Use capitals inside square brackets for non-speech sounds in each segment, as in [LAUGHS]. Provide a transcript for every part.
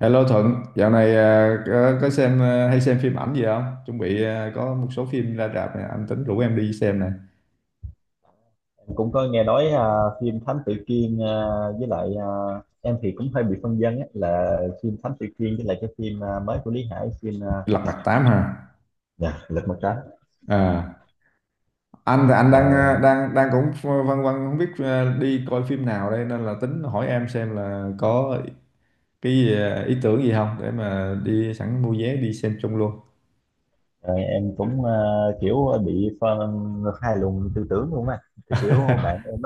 Hello Thuận, dạo này có xem hay xem phim ảnh gì không? Chuẩn bị có một số phim ra rạp này, anh tính rủ em đi xem này. Cũng có nghe nói à, phim Thám Tử Kiên à, với lại à, em thì cũng hơi bị phân vân á, là phim Thám Tử Kiên với lại cái phim à, mới của Lý Hải phim à, Lật Mặt Tám hả? dạ, Lật Mặt Trắng. À, anh Ờ, đang à, đang đang cũng văn văn không biết đi coi phim nào đây, nên là tính hỏi em xem là có cái ý tưởng gì không để mà đi sẵn mua vé đi xem chung luôn. ờ, em cũng à, kiểu bị phân hai luồng tư tưởng luôn á, thì kiểu bạn [LAUGHS] em.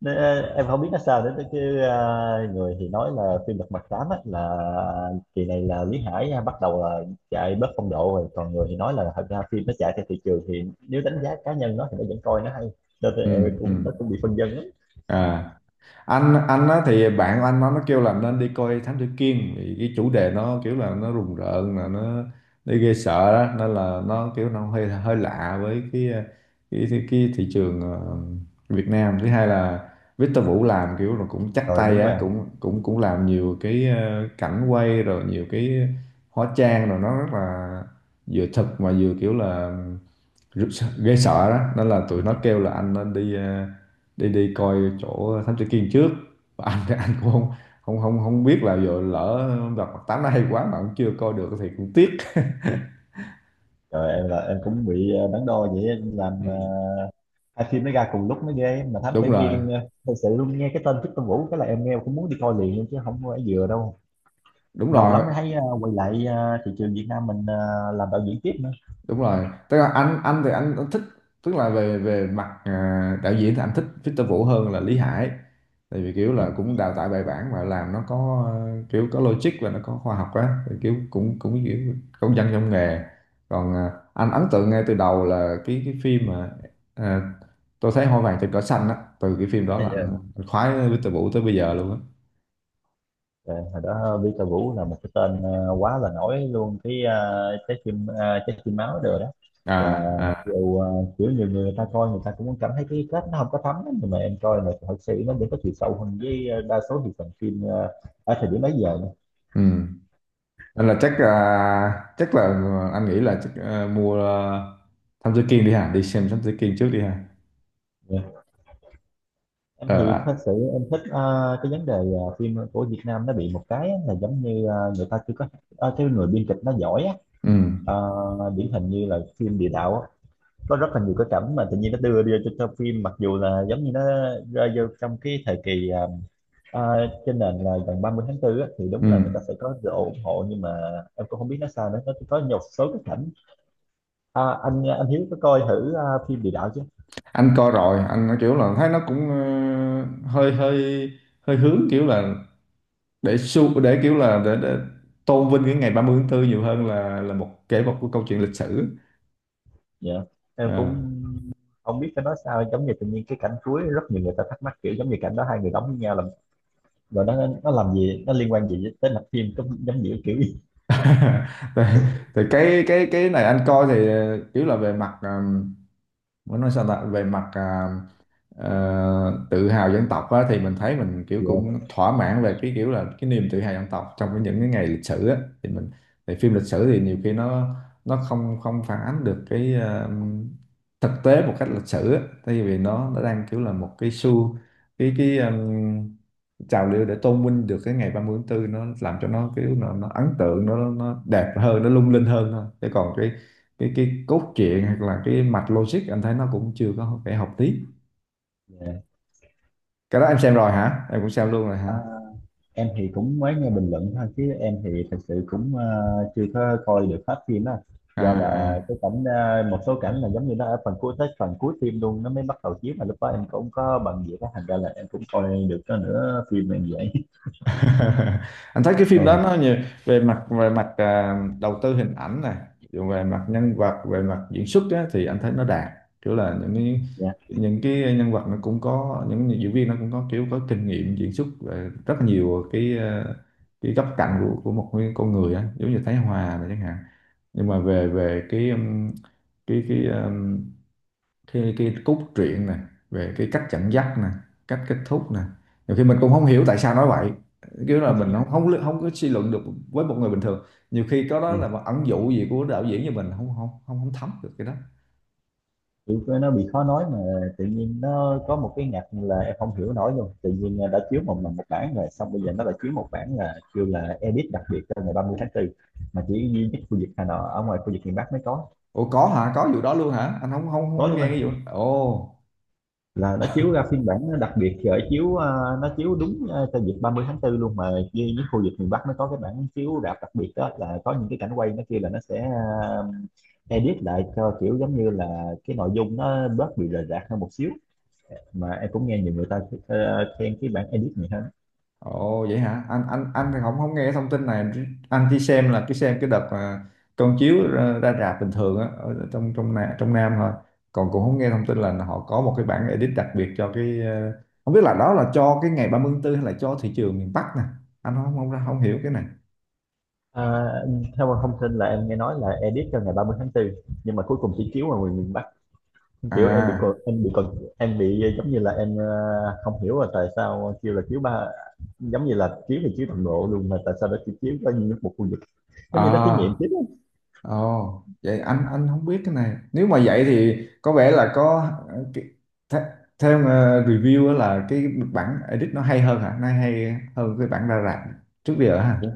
Nên, em không biết nó sao nữa chứ người thì nói là phim Lật Mặt Tám á, là kỳ này là Lý Hải bắt đầu là chạy bớt phong độ rồi, còn người thì nói là thật ra phim nó chạy theo thị trường, thì nếu đánh giá cá nhân nó thì nó vẫn coi nó hay, nên là Ừ, em ừ. cũng nó cũng bị phân vân lắm. À, anh á, thì bạn của anh nó kêu là nên đi coi Thám Tử Kiên vì cái chủ đề nó kiểu là nó rùng rợn, là nó ghê sợ đó, nên là nó kiểu nó hơi hơi lạ với cái thị trường Việt Nam. Thứ hai là Victor Vũ làm kiểu là cũng chắc Rồi tay đúng rồi á, em. cũng cũng cũng làm nhiều cái cảnh quay, rồi nhiều cái hóa trang, rồi nó rất là vừa thực mà vừa kiểu là ghê sợ đó, nên là tụi nó kêu là anh nên đi ờ, đi đi coi chỗ thám tử Kiên trước. Và anh cũng không không không không biết là giờ lỡ gặp mặt tám nó hay quá mà cũng chưa coi được thì cũng tiếc. Rồi em là em cũng bị đắn đo vậy em làm Ừ. hai phim nó ra cùng lúc mới ghê, mà Thám Tử Đúng rồi, Kiên thật sự luôn nghe cái tên Victor Vũ cái là em nghe cũng muốn đi coi liền luôn chứ không có phải vừa đâu. đúng Lâu rồi, lắm mới thấy quay lại thị trường Việt Nam mình làm đạo diễn tiếp. đúng rồi, tức là anh thích, tức là về về mặt đạo diễn thì anh thích Victor Vũ hơn là Lý Hải, tại vì kiểu Dạ. là cũng đào tạo bài bản và làm nó có kiểu có logic và nó có khoa học á, thì kiểu cũng cũng kiểu công dân trong nghề. Còn anh ấn tượng ngay từ đầu là cái phim mà à, tôi Thấy Hoa Vàng Trên Cỏ Xanh á, từ cái phim đó là Bây anh, giờ anh khoái Victor Vũ tới bây giờ luôn á. ờ, hồi đó Peter Vũ là một cái tên quá là nổi luôn, cái trái tim máu rồi đó À, là, mặc à, dù kiểu nhiều người ta coi người ta cũng cảm thấy cái kết nó không có thấm lắm, nhưng mà em coi là thật sự nó vẫn có chiều sâu hơn với đa số thị phần phim ở thời điểm bấy giờ nè. ừ. Nên là chắc chắc là anh nghĩ là chắc mua Thám Tử Kiên đi ha, đi xem Thám Tử Kiên trước đi ha. Dạ. Em Ờ. thì thật À, sự em thích cái vấn đề phim của Việt Nam nó bị một cái á, là giống như người ta chưa có cái người biên kịch nó giỏi á. ừ, Ờ, điển hình như là phim địa đạo á, có rất là nhiều cái cảnh mà tự nhiên nó đưa đưa cho, phim mặc dù là giống như nó rơi vô trong cái thời kỳ à, trên nền là gần 30 tháng 4 á, thì đúng ừ. là người ta sẽ có sự ủng hộ, nhưng mà em cũng không biết nó sao nữa, nó có một số cái cảnh à, anh Hiếu có coi thử à, phim địa đạo chứ. Anh coi rồi, anh nói kiểu là thấy nó cũng hơi hơi hơi hướng kiểu là để su để kiểu là để tôn vinh cái ngày 30/4 nhiều hơn là kể một cái câu chuyện lịch sử. Dạ em à. cũng không biết phải nói sao, giống như tự nhiên cái cảnh cuối rất nhiều người ta thắc mắc, kiểu giống như cảnh đó hai người đóng với nhau làm rồi nó làm gì, nó liên quan gì tới mạch phim, cũng giống như kiểu gì. thì, thì, [LAUGHS] cái này anh coi thì kiểu là về mặt muốn nói sao ta, về mặt ờ, tự hào dân tộc á, thì mình thấy mình kiểu cũng Dạ thỏa mãn về cái kiểu là cái niềm tự hào dân tộc trong cái những cái ngày lịch sử á, thì mình, thì phim lịch sử thì nhiều khi nó không không phản ánh được cái thực tế một cách lịch sử á, tại vì nó đang kiểu là một cái xu, cái trào lưu để tôn vinh được cái ngày 30/4, nó làm cho nó kiểu nó ấn tượng, nó đẹp hơn, nó lung linh hơn thôi. Chứ còn cái cốt truyện hoặc là cái mạch logic anh thấy nó cũng chưa có phải học tí. dạ. Cái đó em xem rồi hả? Em cũng xem luôn rồi hả? Em thì cũng mới nghe bình luận thôi, chứ em thì thật sự cũng chưa có coi được hết phim á, À, do là à. cái cảnh một số cảnh là giống như nó ở phần cuối, tới phần cuối phim luôn nó mới bắt đầu chiếu, mà lúc đó em cũng có bận việc á, thành ra là em cũng coi được có nửa phim này vậy. [LAUGHS] Anh thấy cái [LAUGHS] phim đó Ừ. nó nhiều về mặt, về mặt đầu tư hình ảnh này, rồi về mặt nhân vật, về mặt diễn xuất á, thì anh thấy nó đạt. Kiểu là những cái Dạ. những cái nhân vật, nó cũng có những diễn viên nó cũng có kiểu có kinh nghiệm diễn xuất về rất nhiều cái cái góc cạnh của một cái con người á, giống như Thái Hòa này chẳng hạn. Nhưng mà về về cái cái cái cái cốt truyện nè, về cái cách dẫn dắt nè, cách kết thúc nè, nhiều khi mình cũng không hiểu tại sao nói vậy, kiểu là nó, mình không không không có suy luận được với một người bình thường, nhiều khi có đó là một ẩn dụ gì của đạo diễn như mình không không không không thấm được cái đó. kiểu nó bị khó nói mà, tự nhiên nó có một cái ngặt là em không hiểu nổi luôn. Tự nhiên đã chiếu một lần một bản rồi, xong bây giờ nó lại chiếu một bản là kêu là edit đặc biệt cho ngày 30 tháng 4, mà chỉ duy nhất khu vực Hà Nội, ở ngoài khu vực miền Bắc mới có. Ủa, có hả, có vụ đó luôn hả? Anh không không Tối không nghe luôn cái vụ ồ. là nó chiếu ra phiên bản nó đặc biệt rồi chiếu à, nó chiếu đúng à, cho dịp 30 tháng 4 luôn, mà với những khu vực miền Bắc nó có cái bản chiếu rạp đặc biệt đó, là có những cái cảnh quay nó kia là nó sẽ à, edit lại cho kiểu giống như là cái nội dung nó bớt bị rời rạc hơn một xíu, mà em cũng nghe nhiều người ta khen cái bản edit này hơn. Ồ, vậy hả? Anh thì không không nghe thông tin này. Anh chỉ xem là cái, xem cái đợt mà con chiếu ra rạp bình thường á, ở trong trong Nam thôi. Còn cũng không nghe thông tin là họ có một cái bản edit đặc biệt cho cái không biết là đó là cho cái ngày 30 tháng 4 hay là cho thị trường miền Bắc nè. Anh không không không hiểu cái này. À, theo thông tin là em nghe nói là edit cho ngày 30 tháng 4, nhưng mà cuối cùng chỉ chiếu ở miền Bắc. Kiểu em bị còn À, em bị còn em bị giống như là em không hiểu là tại sao kêu là chiếu ba, giống như là chiếu thì chiếu toàn bộ luôn, mà tại sao nó chỉ chiếu có như một khu vực, giống như nó thí nghiệm à. chiếu Ồ, vậy anh không biết cái này. Nếu mà vậy thì có vẻ là có ờ, cái- th theo review á là cái bản edit nó hay hơn hả? Nó hay hơn cái bản ra rạp trước giờ hả? á.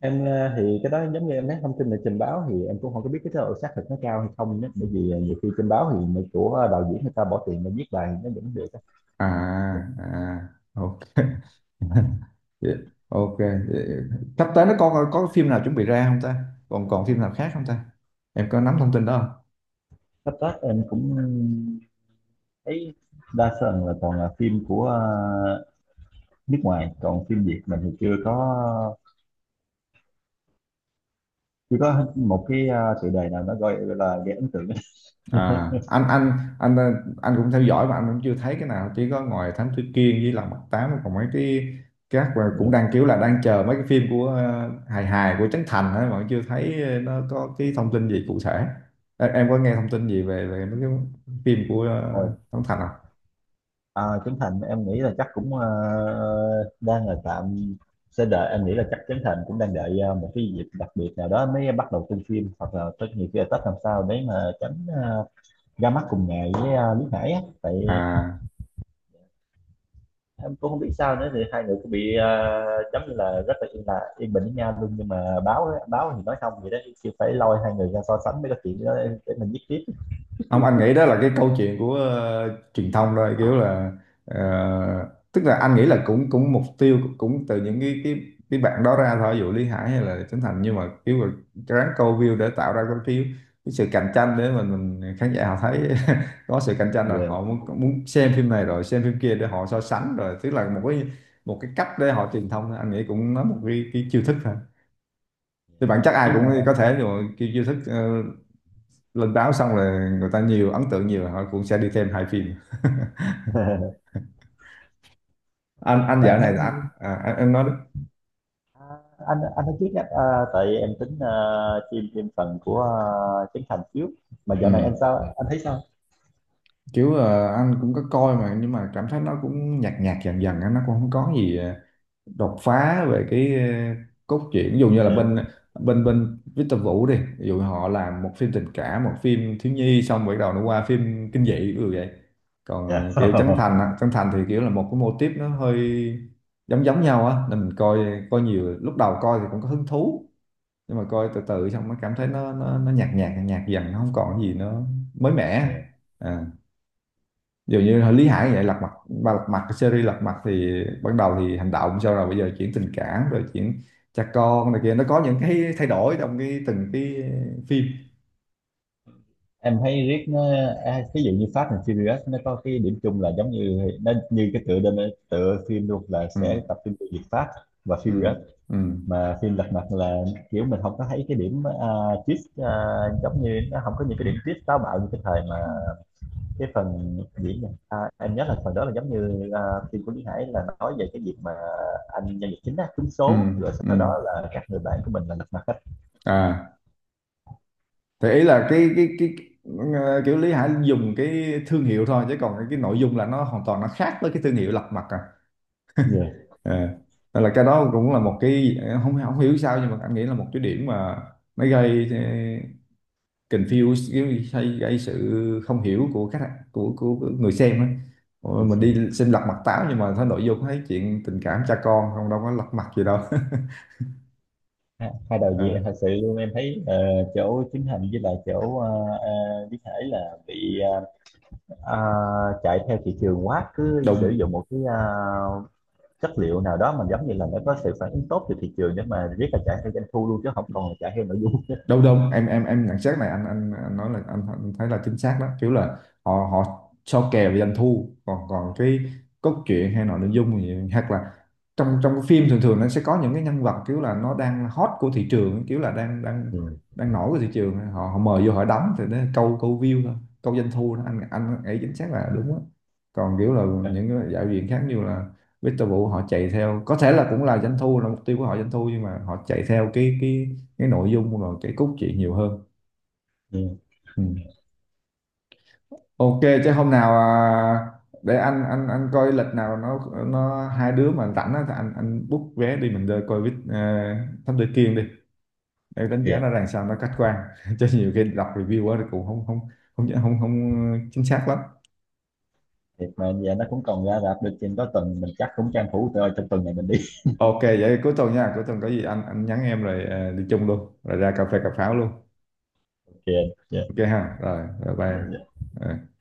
Em thì cái đó giống như em nói, thông tin là trình báo thì em cũng không có biết cái độ xác thực nó cao hay không đó. Bởi vì nhiều khi trình báo thì người của đạo diễn người ta bỏ tiền để viết bài nó vẫn được á. À, à, ok. [LAUGHS] Vậy- ok, vậy sắp tới nó có phim nào chuẩn bị ra không ta? Còn còn phim nào khác không ta? Em có nắm thông tin đó? Sắp tới em cũng thấy đa phần là toàn là phim của nước ngoài, còn phim Việt mình thì chưa có, chỉ có một cái à, chủ đề nào nó gọi là gây ấn tượng. [LAUGHS] À, anh anh anh ờ, anh cũng theo dõi mà anh cũng chưa thấy cái nào, chỉ có ngoài Thám Tử Kiên với Lòng Mặt Tám, còn mấy cái các, và cũng Yeah. đang kiểu là đang chờ mấy cái phim của hài hài của Trấn Thành ấy, mà chưa thấy nó có cái thông tin gì cụ thể. Em có nghe thông tin gì về về mấy cái phim của Rồi. Trấn Thành không? À, Trấn Thành em nghĩ là chắc cũng à, đang là tạm sẽ đợi. Em nghĩ là chắc Trấn Thành cũng đang đợi à, một cái dịp đặc biệt nào đó mới bắt đầu tung phim, hoặc là tất nhiều khi là Tết, làm sao để mà tránh à, ra mắt cùng ngày với à, Lý Hải á. Tại À. em cũng không biết sao nữa, thì hai người cũng bị à, giống như là rất là yên bình với nhau luôn, nhưng mà báo á- báo thì nói không vậy đó, chứ phải lôi hai người ra so sánh mới có chuyện đó, để mình viết tiếp. Không, anh nghĩ đó là cái câu chuyện của truyền thông thôi, kiểu là ờ, tức là anh nghĩ là cũng cũng mục tiêu cũng từ những cái bạn đó ra thôi, ví dụ Lý Hải hay là Trấn Thành, nhưng mà kiểu là ráng câu view để tạo ra cái phiếu, cái sự cạnh tranh để mà mình, khán giả họ thấy [LAUGHS] có sự cạnh tranh rồi Yeah. họ muốn muốn xem phim này rồi xem phim kia để họ so sánh, rồi tức là một cái cách để họ truyền thông thôi. Anh nghĩ cũng nó một cái chiêu thức thôi, thì bản chất ai Nhưng cũng mà có thể, rồi cái chiêu thức lên báo xong là người ta nhiều ấn tượng nhiều, họ cũng sẽ đi thêm hai phim. [LAUGHS] [LAUGHS] Anh mà dạo này em. là anh em nói đó. À, anh nói trước nhé à, tại em tính chim thêm phần của Trấn Thành trước. Mà Ừ. dạo này anh sao, anh thấy sao? Kiểu anh cũng có coi mà nhưng mà cảm thấy nó cũng nhạt nhạt dần dần á, nó cũng không có gì đột phá về cái cốt truyện, ví dụ như là Yeah. bên bên bên Victor Vũ đi, ví dụ họ làm một phim tình cảm, một phim thiếu nhi, xong rồi bắt đầu nó qua phim kinh dị ví dụ vậy. Còn Yeah. Kiểu Trấn [LAUGHS] Thành á, Trấn Thành thì kiểu là một cái mô típ nó hơi giống giống nhau á, nên mình coi, coi nhiều, lúc đầu coi thì cũng có hứng thú, nhưng mà coi từ từ xong mới cảm thấy nó nhạt nhạt nhạt dần, nó không còn gì nó mới mẻ. Yeah. à Dường như hồi Lý Hải vậy, lật mặt ba, lật mặt, cái series lật mặt thì ban đầu thì hành động, sau rồi bây giờ chuyển tình cảm, rồi chuyển cha con này kia, nó có những cái thay đổi trong cái từng cái phim. Em thấy riết nó à, ví dụ như Fast and Furious nó có cái điểm chung là giống như nó như cái tựa đơn, tựa phim luôn là Ừ, sẽ tập trung vào việc Fast và ừ, Furious. ừ, Mà phim Lật Mặt là kiểu mình không có thấy cái điểm twist giống như nó không có những cái điểm twist táo bạo như cái thời mà cái phần diễn này, à, em nhớ là phần đó là giống như à, phim của Lý Hải là nói về cái việc mà anh nhân vật chính á trúng ừ, số, rồi ừ. sau đó là các người bạn của mình là lật mặt hết. À. Thì ý là kiểu Lý Hải dùng cái thương hiệu thôi, chứ còn cái nội dung là nó hoàn toàn nó khác với cái thương hiệu lật mặt à. Dạ. à, nên là cái đó cũng là một cái, không không hiểu sao nhưng mà anh nghĩ là một cái điểm mà nó gây confuse, gây, gây gây sự không hiểu của khách, của người xem á. Ôi, mình Yeah. đi xem lật mặt táo nhưng mà thấy nội dung, thấy chuyện tình cảm cha con, không đâu có lật mặt gì đâu. Ha- hai [LAUGHS] đạo diễn à, à, thật sự luôn em thấy chỗ chính hành với lại chỗ ờ, Lý Hải là bị ờ, chạy theo thị trường quá, cứ sử đùng. dụng một cái chất liệu nào đó mà giống như là nó có sự phản ứng tốt từ thị trường, để mà riết là chạy theo doanh thu luôn chứ không còn là chạy theo nội dung. Đâu đâu, em nhận xét này anh nói là anh thấy là chính xác đó, kiểu là họ họ so kè về doanh thu, còn còn cái cốt truyện hay nội nội dung gì, hoặc là trong trong cái phim thường thường nó sẽ có những cái nhân vật kiểu là nó đang hot của thị trường, kiểu là đang đang Ừ. đang nổi của thị trường, họ mời vô họ đóng thì nó câu câu view thôi, câu doanh thu đó. Anh ấy chính xác là đúng á. Còn kiểu là những cái đạo diễn khác như là Victor Vũ, họ chạy theo có thể là cũng là doanh thu là mục tiêu của họ, doanh thu, nhưng mà họ chạy theo cái nội dung và cái cốt truyện nhiều hơn. Ừ. Ừ. Ok, chứ hôm nào để anh coi lịch nào nó hai đứa mà rảnh á, thì anh book vé đi mình đi coi với Thám Tử Kiên đi, để đánh Thì giá nó rằng sao nó khách quan. [LAUGHS] Chứ nhiều khi đọc review quá thì cũng không không không không không chính xác lắm. thì mà giờ nó cũng còn ra rạp được trên có tuần, mình chắc cũng tranh thủ rồi, trong tuần này mình đi. Ok, vậy cuối tuần nha, cuối tuần có gì anh nhắn em, rồi đi chung luôn, rồi ra cà phê cà pháo luôn. [LAUGHS] Kìa. Dạ Ok ha, rồi rồi bye. dạ dạ. Ờ.